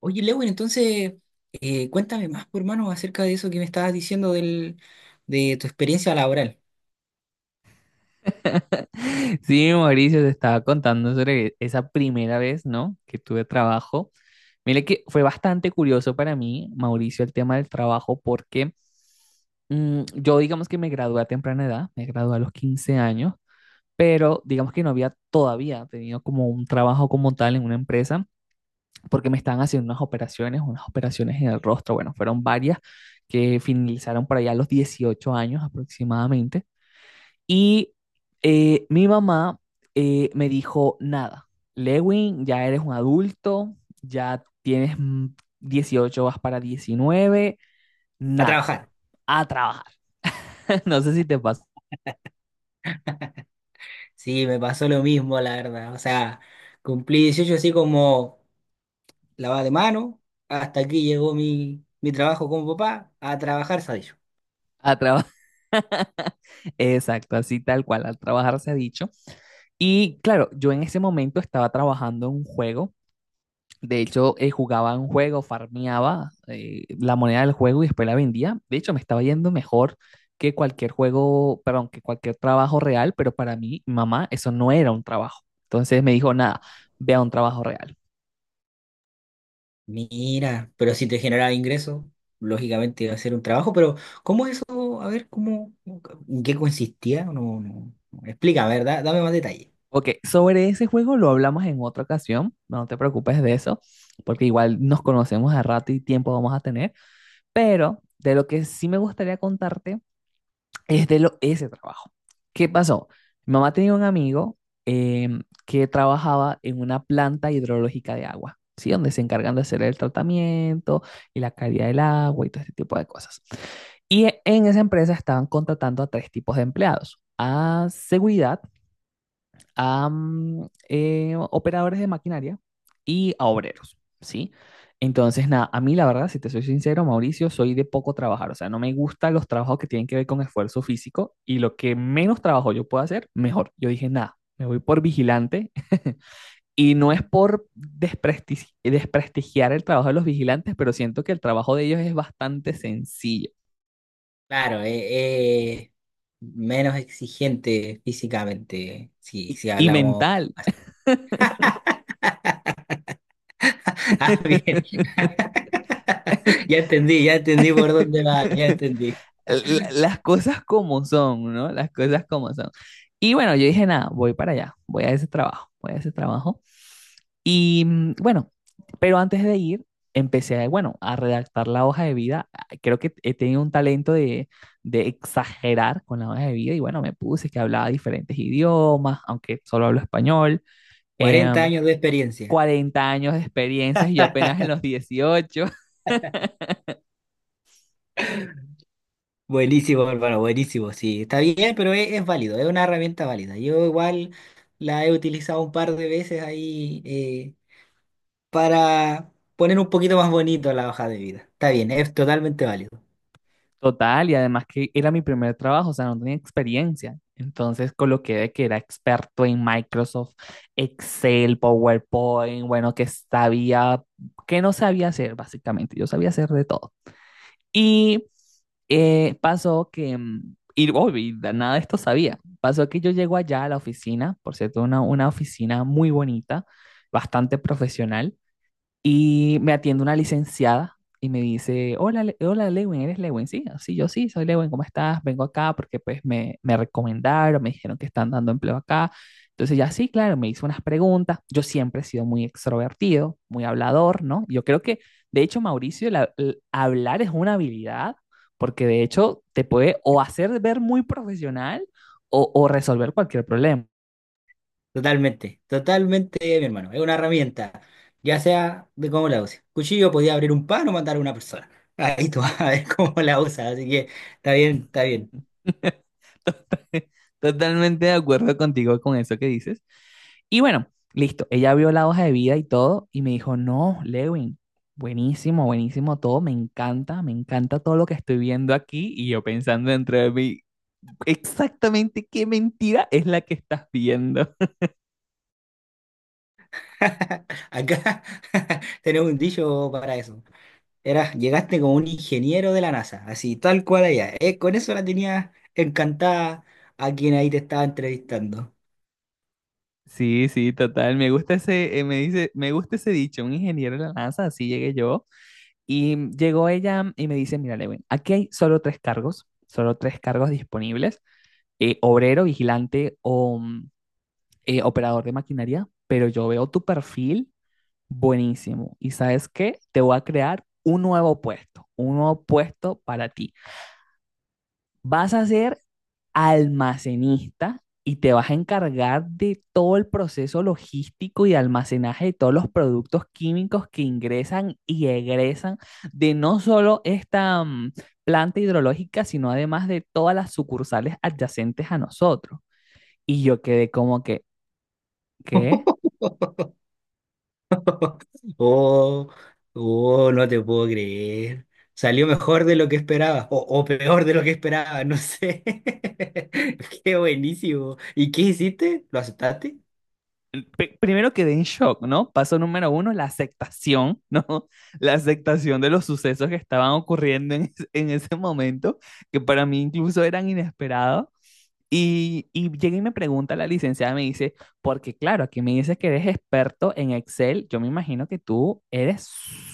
Oye, Lewin, entonces cuéntame más, por hermano, acerca de eso que me estabas diciendo del, de tu experiencia laboral. Sí, Mauricio, te estaba contando sobre esa primera vez, ¿no? Que tuve trabajo. Mire que fue bastante curioso para mí, Mauricio, el tema del trabajo, porque yo digamos que me gradué a temprana edad, me gradué a los 15 años, pero digamos que no había todavía tenido como un trabajo como tal en una empresa, porque me estaban haciendo unas operaciones en el rostro, bueno, fueron varias que finalizaron por allá a los 18 años aproximadamente. Y mi mamá me dijo, nada, Lewin, ya eres un adulto, ya tienes 18, vas para 19 A nada, trabajar. a trabajar. No sé si te pasa. Sí, me pasó lo mismo, la verdad. O sea, cumplí 18 así como lavada de mano. Hasta aquí llegó mi trabajo como papá a trabajar, sabes. A trabajar. Exacto, así tal cual, al trabajar se ha dicho. Y claro, yo en ese momento estaba trabajando en un juego. De hecho, jugaba un juego, farmeaba la moneda del juego y después la vendía. De hecho, me estaba yendo mejor que cualquier juego, perdón, que cualquier trabajo real, pero para mí, mamá, eso no era un trabajo. Entonces me dijo, nada, vea un trabajo real. Mira, pero si te generaba ingresos, lógicamente iba a ser un trabajo, pero ¿cómo es eso? A ver, ¿cómo, en qué consistía? No, no. Explica, ¿verdad? Dame más detalles. Ok, sobre ese juego lo hablamos en otra ocasión, no te preocupes de eso, porque igual nos conocemos a rato y tiempo vamos a tener, pero de lo que sí me gustaría contarte es de ese trabajo. ¿Qué pasó? Mi mamá tenía un amigo eh, que trabajaba en una planta hidrológica de agua, ¿sí? Donde se encargan de hacer el tratamiento y la calidad del agua y todo este tipo de cosas. Y en esa empresa estaban contratando a tres tipos de empleados. A seguridad, a operadores de maquinaria y a obreros, ¿sí? Entonces, nada, a mí la verdad, si te soy sincero, Mauricio, soy de poco trabajar, o sea, no me gustan los trabajos que tienen que ver con esfuerzo físico y lo que menos trabajo yo pueda hacer, mejor. Yo dije, nada, me voy por vigilante. Y no es por desprestigiar el trabajo de los vigilantes, pero siento que el trabajo de ellos es bastante sencillo Claro, menos exigente físicamente, si, y, si y hablamos. mental. Ah, bien. Ya entendí por dónde va, ya entendí. Las cosas como son, ¿no? Las cosas como son. Y bueno, yo dije, nada, voy para allá, voy a ese trabajo, voy a ese trabajo. Y bueno, pero antes de ir, empecé, bueno, a redactar la hoja de vida. Ah, creo que he tenido un talento de exagerar con la hoja de vida y bueno, me puse que hablaba diferentes idiomas, aunque solo hablo español. 40 Em, años de experiencia. 40 años de experiencias y yo apenas en los 18. Buenísimo, hermano, buenísimo. Sí, está bien, pero es válido, es una herramienta válida. Yo igual la he utilizado un par de veces ahí para poner un poquito más bonito la hoja de vida. Está bien, es totalmente válido. Total, y además que era mi primer trabajo, o sea, no tenía experiencia. Entonces coloqué de que era experto en Microsoft, Excel, PowerPoint, bueno, que sabía, que no sabía hacer, básicamente. Yo sabía hacer de todo. Y pasó que, y oh, nada de esto sabía. Pasó que yo llego allá a la oficina, por cierto, una oficina muy bonita, bastante profesional. Y me atiende una licenciada y me dice, hola Lewin, ¿eres Lewin? Sí, sí, yo sí, soy Lewin, ¿cómo estás? Vengo acá porque pues me recomendaron, me dijeron que están dando empleo acá. Entonces ya sí, claro, me hizo unas preguntas. Yo siempre he sido muy extrovertido, muy hablador, ¿no? Yo creo que, de hecho, Mauricio, el hablar es una habilidad porque de hecho te puede o hacer ver muy profesional o resolver cualquier problema. Totalmente, totalmente, mi hermano. Es una herramienta, ya sea de cómo la uses. Cuchillo podía abrir un pan o matar a una persona. Ahí tú vas a ver cómo la usas, así que está bien, está bien. Total- Totalmente de acuerdo contigo con eso que dices. Y bueno, listo, ella vio la hoja de vida y todo y me dijo, no, Lewin, buenísimo, buenísimo todo, me encanta todo lo que estoy viendo aquí y yo pensando dentro de mí, exactamente qué mentira es la que estás viendo. Acá tenemos un dicho para eso. Era, llegaste como un ingeniero de la NASA, así tal cual allá. Con eso la tenías encantada a quien ahí te estaba entrevistando. Sí, sí, total, me gusta ese, me dice, me gusta ese dicho, un ingeniero de la NASA, así llegué yo. Y llegó ella y me dice, mira, Lewin, aquí hay solo tres cargos disponibles. Obrero, vigilante o operador de maquinaria, pero yo veo tu perfil buenísimo. ¿Y sabes qué? Te voy a crear un nuevo puesto para ti. Vas a ser almacenista y te vas a encargar de todo el proceso logístico y almacenaje de todos los productos químicos que ingresan y egresan de no solo esta planta hidrológica, sino además de todas las sucursales adyacentes a nosotros. Y yo quedé como que, ¿qué? Oh, oh, no te puedo creer. Salió mejor de lo que esperaba, o peor de lo que esperaba, no sé. Qué buenísimo. ¿Y qué hiciste? ¿Lo aceptaste? Primero quedé en shock, ¿no? Paso número uno, la aceptación, ¿no? La aceptación de los sucesos que estaban ocurriendo en ese momento, que para mí incluso eran inesperados. Y llega y me pregunta la licenciada, me dice, porque claro, aquí me dice que eres experto en Excel, yo me imagino que tú eres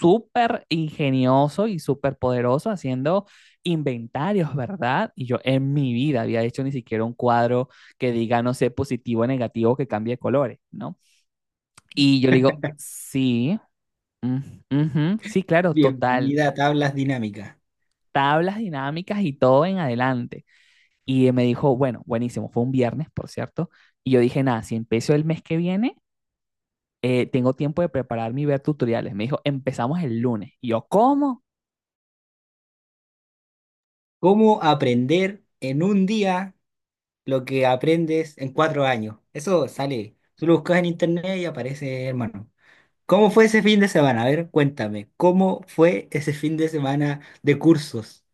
súper ingenioso y súper poderoso haciendo inventarios, ¿verdad? Y yo en mi vida había hecho ni siquiera un cuadro que diga, no sé, positivo o negativo, que cambie de colores, ¿no? Y yo le digo, sí, mm, ujú, sí, claro, total, Bienvenida a tablas dinámicas. tablas dinámicas y todo en adelante. Y me dijo, bueno, buenísimo, fue un viernes, por cierto. Y yo dije, nada, si empiezo el mes que viene, tengo tiempo de prepararme y ver tutoriales. Me dijo, empezamos el lunes. Y yo, ¿cómo? ¿Cómo aprender en un día lo que aprendes en 4 años? Eso sale. Tú lo buscas en internet y aparece, hermano. ¿Cómo fue ese fin de semana? A ver, cuéntame. ¿Cómo fue ese fin de semana de cursos?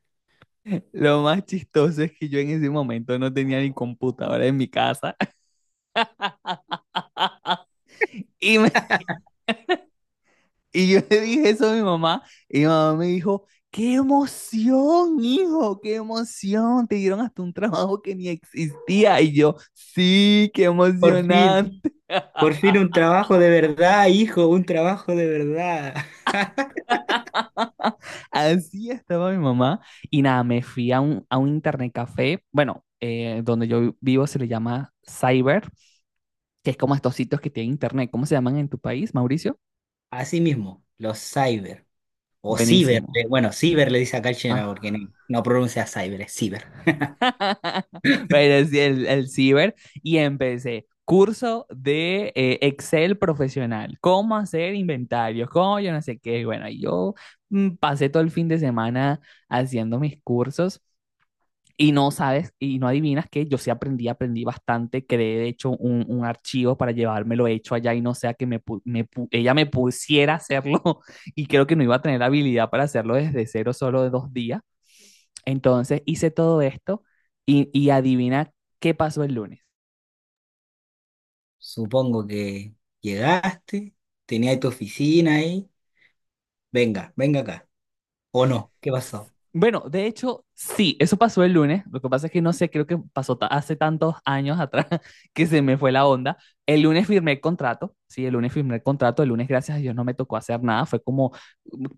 Lo más chistoso es que yo en ese momento no tenía ni computadora en mi casa. Y, me- y yo le dije eso a mi mamá. Y mi mamá me dijo, ¡qué emoción, hijo! ¡Qué emoción! Te dieron hasta un trabajo que ni existía. Y yo, sí, qué Por fin. emocionante. Por fin un trabajo de verdad, hijo, un trabajo de verdad. Así estaba mi mamá. Y nada, me fui a un, internet café. Bueno, donde yo vivo se le llama Cyber, que es como estos sitios que tienen internet. ¿Cómo se llaman en tu país, Mauricio? Así mismo, los cyber. O ciber. Buenísimo. Le- Bueno, ciber le dice acá el chileno porque Ah. no, no pronuncia cyber, es ciber. Bueno, sí, el Cyber. Y empecé. Curso de Excel profesional, cómo hacer inventarios, cómo yo no sé qué. Bueno, y yo pasé todo el fin de semana haciendo mis cursos. Y no sabes, y no adivinas que yo sí aprendí, aprendí bastante, creé de hecho un archivo para llevármelo hecho allá y no sea que ella me pusiera a hacerlo. Y creo que no iba a tener la habilidad para hacerlo desde cero, solo de 2 días. Entonces hice todo esto y adivina qué pasó el lunes. Supongo que llegaste, tenías tu oficina ahí. Venga, venga acá. ¿O no? ¿Qué pasó? Bueno, de hecho, sí, eso pasó el lunes. Lo que pasa es que no sé, creo que pasó hace tantos años atrás que se me fue la onda. El lunes firmé el contrato, sí, el lunes firmé el contrato. El lunes, gracias a Dios, no me tocó hacer nada. Fue como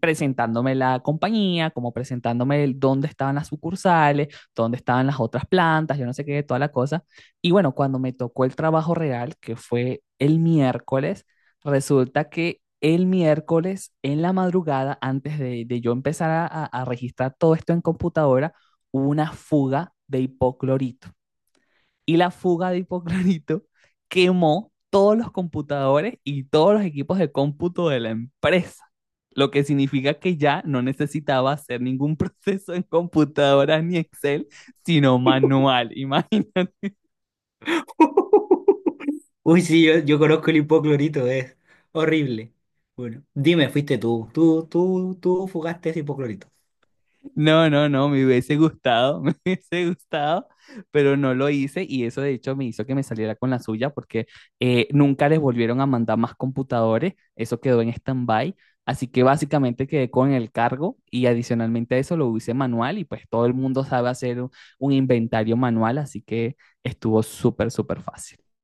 presentándome la compañía, como presentándome dónde estaban las sucursales, dónde estaban las otras plantas, yo no sé qué, toda la cosa. Y bueno, cuando me tocó el trabajo real, que fue el miércoles, resulta que el miércoles en la madrugada, antes de, yo empezar a registrar todo esto en computadora, hubo una fuga de hipoclorito. Y la fuga de hipoclorito quemó todos los computadores y todos los equipos de cómputo de la empresa. Lo que significa que ya no necesitaba hacer ningún proceso en computadora ni Excel, sino manual. Imagínate. Uy, sí, yo conozco el hipoclorito, es horrible. Bueno, dime, fuiste tú. Tú fugaste ese hipoclorito. No, no, no, me hubiese gustado, me hubiese gustado, pero no lo hice y eso de hecho me hizo que me saliera con la suya porque nunca les volvieron a mandar más computadores, eso quedó en stand-by, así que básicamente quedé con el cargo y adicionalmente a eso lo hice manual y pues todo el mundo sabe hacer un inventario manual, así que estuvo súper, súper fácil.